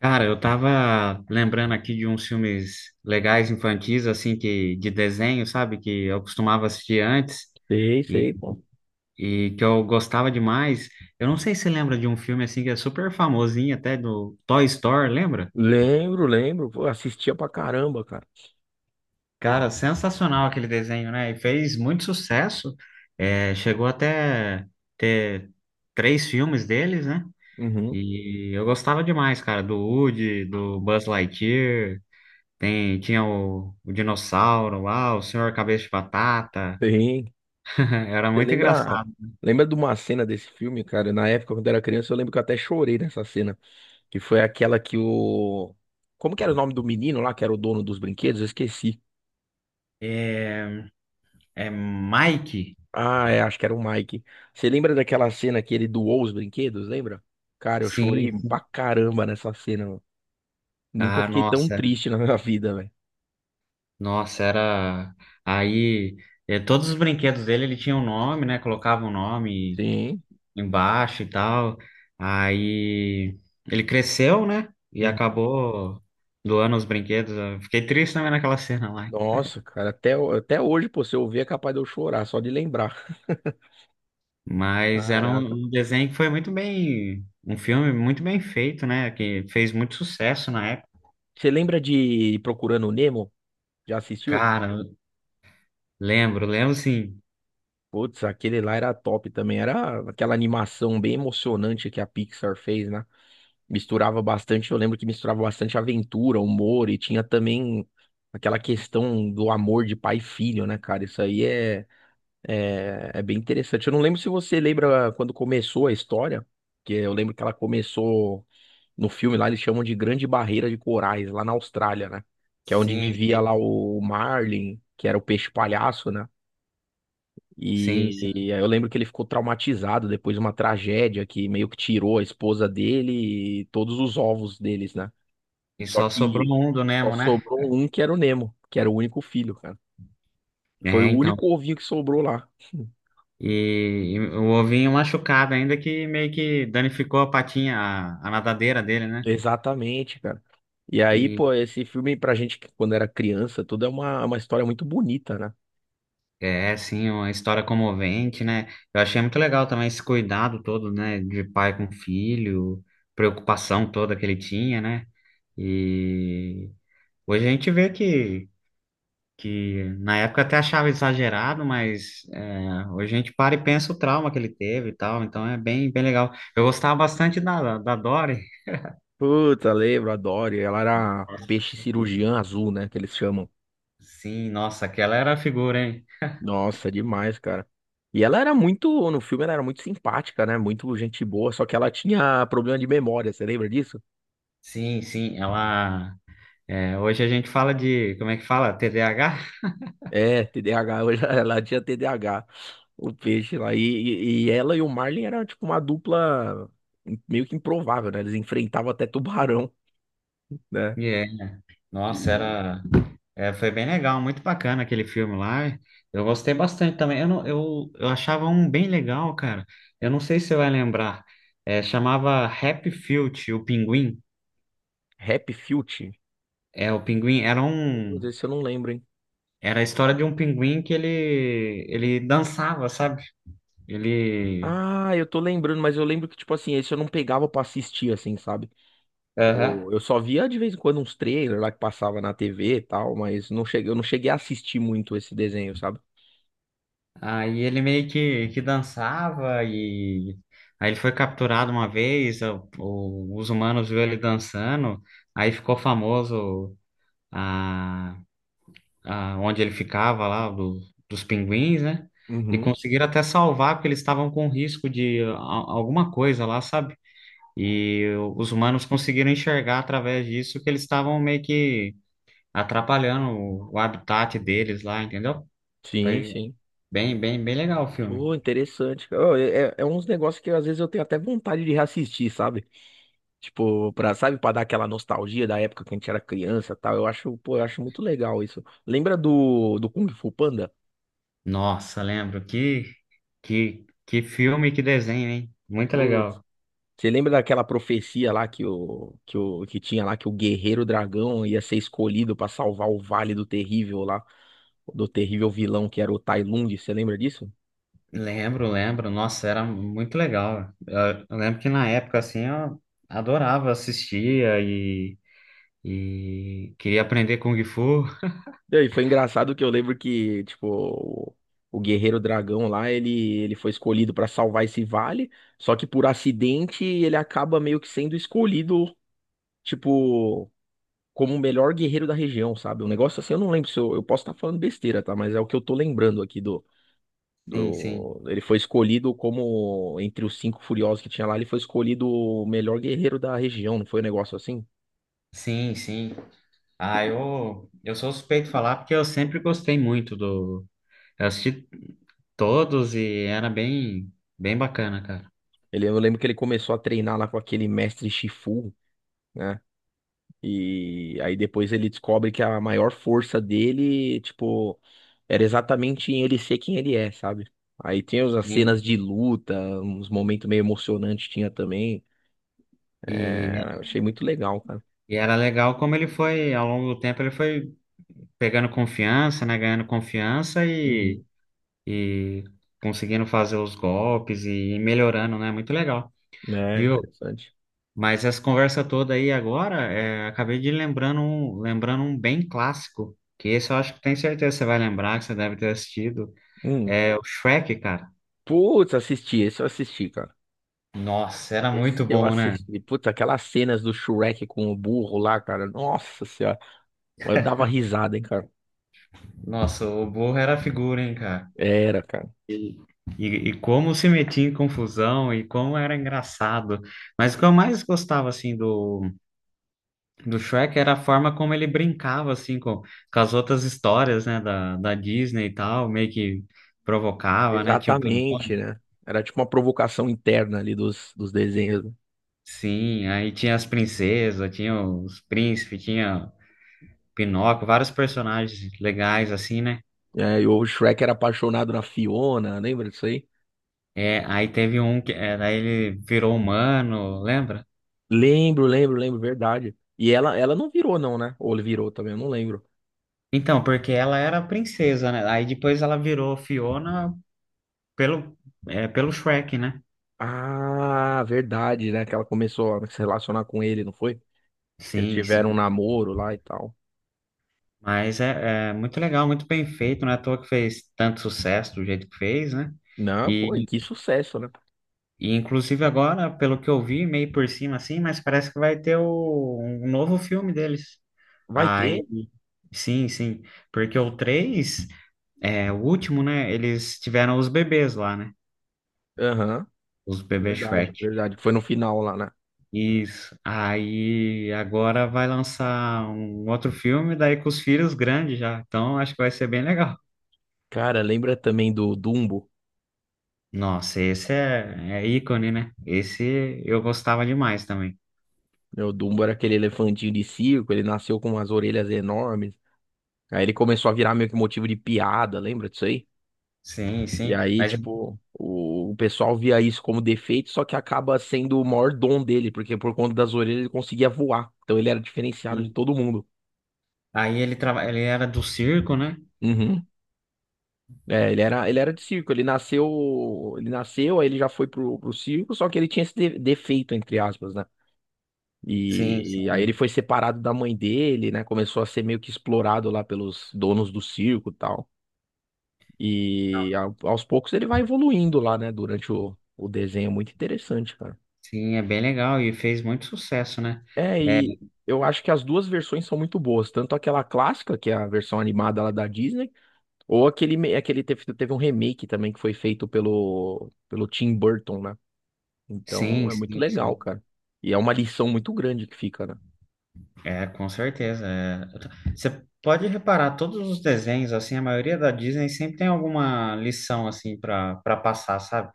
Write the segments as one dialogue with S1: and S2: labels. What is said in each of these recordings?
S1: Cara, eu tava lembrando aqui de uns filmes legais infantis, assim, que de desenho, sabe? Que eu costumava assistir antes
S2: Sei,
S1: e,
S2: sei, pô.
S1: e que eu gostava demais. Eu não sei se você lembra de um filme, assim, que é super famosinho, até do Toy Story, lembra?
S2: Lembro, lembro. Pô, assistia pra caramba, cara.
S1: Cara, sensacional aquele desenho, né? E fez muito sucesso. É, chegou até ter três filmes deles, né?
S2: Uhum,
S1: E eu gostava demais, cara, do Woody, do Buzz Lightyear. Tinha o dinossauro lá, o senhor cabeça de batata.
S2: bem.
S1: Era
S2: Você
S1: muito
S2: lembra,
S1: engraçado.
S2: lembra de uma cena desse filme, cara? Na época, quando eu era criança, eu lembro que eu até chorei nessa cena. Que foi aquela que o. Como que era o nome do menino lá, que era o dono dos brinquedos? Eu esqueci.
S1: É, É Mike?
S2: Ah, é, acho que era o Mike. Você lembra daquela cena que ele doou os brinquedos, lembra? Cara, eu chorei
S1: Sim.
S2: pra caramba nessa cena, mano. Nunca
S1: Ah,
S2: fiquei tão
S1: nossa.
S2: triste na minha vida, velho.
S1: Nossa, era. Aí, é, todos os brinquedos dele, ele tinha um nome, né? Colocava o um nome
S2: Sim.
S1: embaixo e tal. Aí, ele cresceu, né? E
S2: Uhum.
S1: acabou doando os brinquedos. Eu fiquei triste também naquela cena lá.
S2: Nossa, cara, até, até hoje, pô, se eu ver é capaz de eu chorar, só de lembrar.
S1: Mas era um
S2: Caraca.
S1: um desenho que foi muito bem, um filme muito bem feito, né? Que fez muito sucesso na época.
S2: Você lembra de Procurando o Nemo? Já assistiu?
S1: Cara, lembro, lembro sim.
S2: Putz, aquele lá era top também. Era aquela animação bem emocionante que a Pixar fez, né? Misturava bastante, eu lembro que misturava bastante aventura, humor e tinha também aquela questão do amor de pai e filho, né, cara? Isso aí é. É bem interessante. Eu não lembro se você lembra quando começou a história, que eu lembro que ela começou no filme lá, eles chamam de Grande Barreira de Corais, lá na Austrália, né? Que é onde
S1: Sim,
S2: vivia lá
S1: sim.
S2: o Marlin, que era o peixe palhaço, né?
S1: Sim,
S2: E,
S1: sim.
S2: aí eu lembro que ele ficou traumatizado depois de uma tragédia que meio que tirou a esposa dele e todos os ovos deles, né?
S1: E
S2: Só
S1: só sobrou
S2: que
S1: um do
S2: só
S1: Nemo, né?
S2: sobrou um que era o Nemo, que era o único filho, cara. Foi
S1: É,
S2: o
S1: então.
S2: único ovinho que sobrou lá.
S1: E, e o ovinho machucado ainda que meio que danificou a patinha, a nadadeira dele, né?
S2: Exatamente, cara. E aí, pô, esse filme pra gente que quando era criança, tudo é uma história muito bonita, né?
S1: É, sim, é uma história comovente, né? Eu achei muito legal também esse cuidado todo, né, de pai com filho, preocupação toda que ele tinha, né? E hoje a gente que na época até achava exagerado, mas é, hoje a gente para e pensa o trauma que ele teve e tal, então é bem, bem legal. Eu gostava bastante da Dory.
S2: Puta, lembro, adoro. E ela era peixe
S1: Nossa.
S2: cirurgiã azul, né? Que eles chamam.
S1: Sim, nossa, aquela era a figura, hein?
S2: Nossa, demais, cara. E ela era muito, no filme ela era muito simpática, né? Muito gente boa, só que ela tinha problema de memória, você lembra disso?
S1: Sim, sim, ela. É, hoje a gente fala de, como é que fala? TDAH?
S2: É, TDAH, hoje ela tinha TDAH, o peixe lá. E ela e o Marlin eram tipo uma dupla meio que improvável, né? Eles enfrentavam até tubarão, né?
S1: Nossa,
S2: De
S1: era, é, foi bem legal, muito bacana aquele filme lá. Eu gostei bastante também. Eu, não, eu achava um bem legal, cara. Eu não sei se você vai lembrar. É, chamava Happy Feet, o Pinguim.
S2: Rap Filt.
S1: É, o Pinguim
S2: Meu Deus, esse eu não lembro, hein?
S1: era a história de um pinguim que ele dançava, sabe? Ele,
S2: Ah, eu tô lembrando, mas eu lembro que, tipo assim, esse eu não pegava pra assistir, assim, sabe? Eu,
S1: aham.
S2: eu só via de vez em quando uns trailers lá que passava na TV e tal, mas não cheguei, eu não cheguei a assistir muito esse desenho, sabe?
S1: Aí ele meio que dançava e aí ele foi capturado uma vez. Os humanos viu ele dançando. Aí ficou famoso. a, Onde ele ficava lá, dos pinguins, né? E
S2: Uhum.
S1: conseguiram até salvar, porque eles estavam com risco de alguma coisa lá, sabe? E os humanos conseguiram enxergar através disso que eles estavam meio que atrapalhando o habitat deles lá, entendeu?
S2: Sim,
S1: Foi
S2: sim.
S1: bem legal o filme.
S2: Pô, interessante, cara. Ô, é uns negócios que às vezes eu tenho até vontade de reassistir, sabe? Tipo, pra, sabe, pra dar aquela nostalgia da época que a gente era criança e tal. Eu acho, pô, eu acho muito legal isso. Lembra do, do Kung Fu Panda?
S1: Nossa, lembro que filme, que desenho, hein? Muito
S2: Putz,
S1: legal.
S2: você lembra daquela profecia lá que o, que o que tinha lá que o guerreiro dragão ia ser escolhido pra salvar o Vale do Terrível lá, do terrível vilão que era o Tai Lung, você lembra disso?
S1: Lembro, lembro. Nossa, era muito legal. Eu lembro que na época, assim, eu adorava, e queria aprender Kung Fu.
S2: E aí, foi engraçado que eu lembro que, tipo, o guerreiro dragão lá, ele foi escolhido pra salvar esse vale, só que por acidente ele acaba meio que sendo escolhido, tipo, como o melhor guerreiro da região, sabe? Um negócio assim, eu não lembro se eu posso estar falando besteira, tá? Mas é o que eu tô lembrando aqui
S1: Sim, sim.
S2: ele foi escolhido como, entre os cinco furiosos que tinha lá, ele foi escolhido o melhor guerreiro da região, não foi um negócio assim?
S1: Sim, sim. Ah, eu sou suspeito de falar porque eu sempre gostei muito do... Eu assisti todos e era bem bacana, cara.
S2: Eu lembro que ele começou a treinar lá com aquele mestre Shifu, né? E aí depois ele descobre que a maior força dele, tipo, era exatamente em ele ser quem ele é, sabe? Aí tem as
S1: Sim.
S2: cenas de luta, uns momentos meio emocionantes tinha também.
S1: E,
S2: É, achei muito legal, cara.
S1: e era legal como ele foi, ao longo do tempo, ele foi pegando confiança, né? Ganhando confiança
S2: Uhum.
S1: e conseguindo fazer os golpes e melhorando, né? Muito legal,
S2: É,
S1: viu?
S2: interessante.
S1: Mas essa conversa toda aí agora, é, acabei de lembrando um bem clássico, que esse eu acho que tenho certeza que você vai lembrar, que você deve ter assistido,
S2: Hum.
S1: é o Shrek, cara.
S2: Putz, assisti, esse eu assisti, cara.
S1: Nossa, era
S2: Esse
S1: muito
S2: eu
S1: bom, né?
S2: assisti. Puta, aquelas cenas do Shrek com o burro lá, cara. Nossa senhora. Eu dava risada, hein, cara.
S1: Nossa, o burro era figura, hein, cara?
S2: Era, cara.
S1: E, e como se metia em confusão e como era engraçado. Mas o que eu mais gostava, assim, do Shrek era a forma como ele brincava, assim, com as outras histórias, né, da Disney e tal, meio que provocava, né, tinha o
S2: Exatamente,
S1: Pinóquio,
S2: né? Era tipo uma provocação interna ali dos, dos desenhos, né?
S1: sim, aí tinha as princesas, tinha os príncipes, tinha Pinóquio, vários personagens legais, assim, né,
S2: É, e o Shrek era apaixonado na Fiona, lembra disso aí?
S1: é, aí teve um que, é, daí ele virou humano, lembra?
S2: Lembro, lembro, lembro, verdade. E ela não virou, não, né? Ou ele virou também, eu não lembro.
S1: Então, porque ela era a princesa, né, aí depois ela virou Fiona pelo, é, pelo Shrek, né,
S2: Ah, verdade, né? Que ela começou a se relacionar com ele, não foi? Eles
S1: sim,
S2: tiveram um
S1: sim.
S2: namoro lá e tal.
S1: Mas é muito legal, muito bem feito, não é à toa que fez tanto sucesso do jeito que fez, né?
S2: Não, pô, e
S1: E,
S2: que sucesso, né?
S1: e inclusive agora, pelo que eu vi, meio por cima assim, mas parece que vai ter um novo filme deles.
S2: Vai
S1: Aí,
S2: ter?
S1: sim, sim, porque o 3, é, o último, né? Eles tiveram os bebês lá, né?
S2: Aham.
S1: Os bebês Shrek.
S2: Verdade, verdade. Foi no final lá, né?
S1: Isso. Aí agora vai lançar um outro filme, daí com os filhos grandes já. Então acho que vai ser bem legal.
S2: Cara, lembra também do Dumbo?
S1: Nossa, esse é, é ícone, né? Esse eu gostava demais também.
S2: Meu, o Dumbo era aquele elefantinho de circo, ele nasceu com umas orelhas enormes. Aí ele começou a virar meio que motivo de piada, lembra disso aí?
S1: Sim,
S2: E
S1: sim.
S2: aí, tipo, o pessoal via isso como defeito, só que acaba sendo o maior dom dele, porque por conta das orelhas ele conseguia voar. Então ele era diferenciado de todo mundo.
S1: Aí ele era do circo, né?
S2: Uhum. É, ele era de circo, ele nasceu, aí ele já foi pro, pro circo, só que ele tinha esse defeito, entre aspas, né?
S1: Sim,
S2: E aí ele
S1: sim.
S2: foi separado da mãe dele, né? Começou a ser meio que explorado lá pelos donos do circo e tal. E aos poucos ele vai evoluindo lá, né? Durante o desenho. É muito interessante, cara.
S1: Sim, é bem legal e fez muito sucesso, né?
S2: É,
S1: É,
S2: e eu acho que as duas versões são muito boas. Tanto aquela clássica, que é a versão animada lá da Disney, ou aquele, aquele teve, teve um remake também que foi feito pelo, pelo Tim Burton, né? Então
S1: sim,
S2: é muito
S1: sim,
S2: legal,
S1: sim.
S2: cara. E é uma lição muito grande que fica, né?
S1: É, com certeza. É. Você pode reparar, todos os desenhos, assim, a maioria da Disney sempre tem alguma lição, assim, para passar, sabe?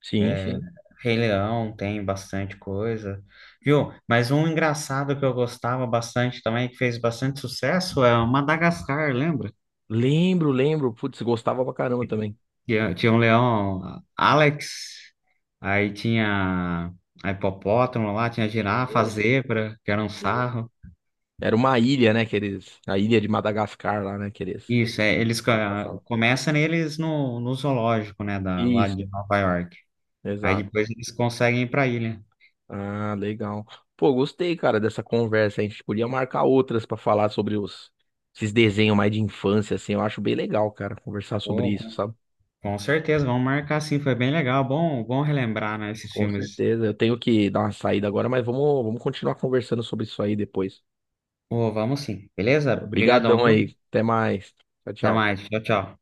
S2: Sim, sim.
S1: Rei Leão tem bastante coisa, viu? Mas um engraçado que eu gostava bastante também, que fez bastante sucesso, é o Madagascar, lembra?
S2: Lembro, lembro. Putz, gostava pra caramba também.
S1: Tinha um leão Alex, aí tinha a hipopótamo lá, tinha a girafa, a
S2: Sim,
S1: zebra, que era um
S2: sim.
S1: sarro.
S2: Era uma ilha, né, que eles. A ilha de Madagascar lá, né, que eles
S1: Isso, é,
S2: que passavam.
S1: começam neles no zoológico, né, da, lá de
S2: Isso,
S1: Nova York. Aí
S2: exato.
S1: depois eles conseguem ir pra ilha.
S2: Ah, legal. Pô, gostei, cara, dessa conversa. A gente podia marcar outras pra falar sobre os. Esses desenhos mais de infância, assim. Eu acho bem legal, cara, conversar sobre
S1: Pô,
S2: isso,
S1: com
S2: sabe?
S1: certeza, vamos marcar sim, foi bem legal, bom relembrar, né, esses
S2: Com
S1: filmes.
S2: certeza. Eu tenho que dar uma saída agora, mas vamos continuar conversando sobre isso aí depois.
S1: Ô, vamos sim, beleza? Obrigadão,
S2: Obrigadão
S1: viu?
S2: aí. Até mais. Tchau,
S1: Até
S2: tchau.
S1: mais, tchau, tchau.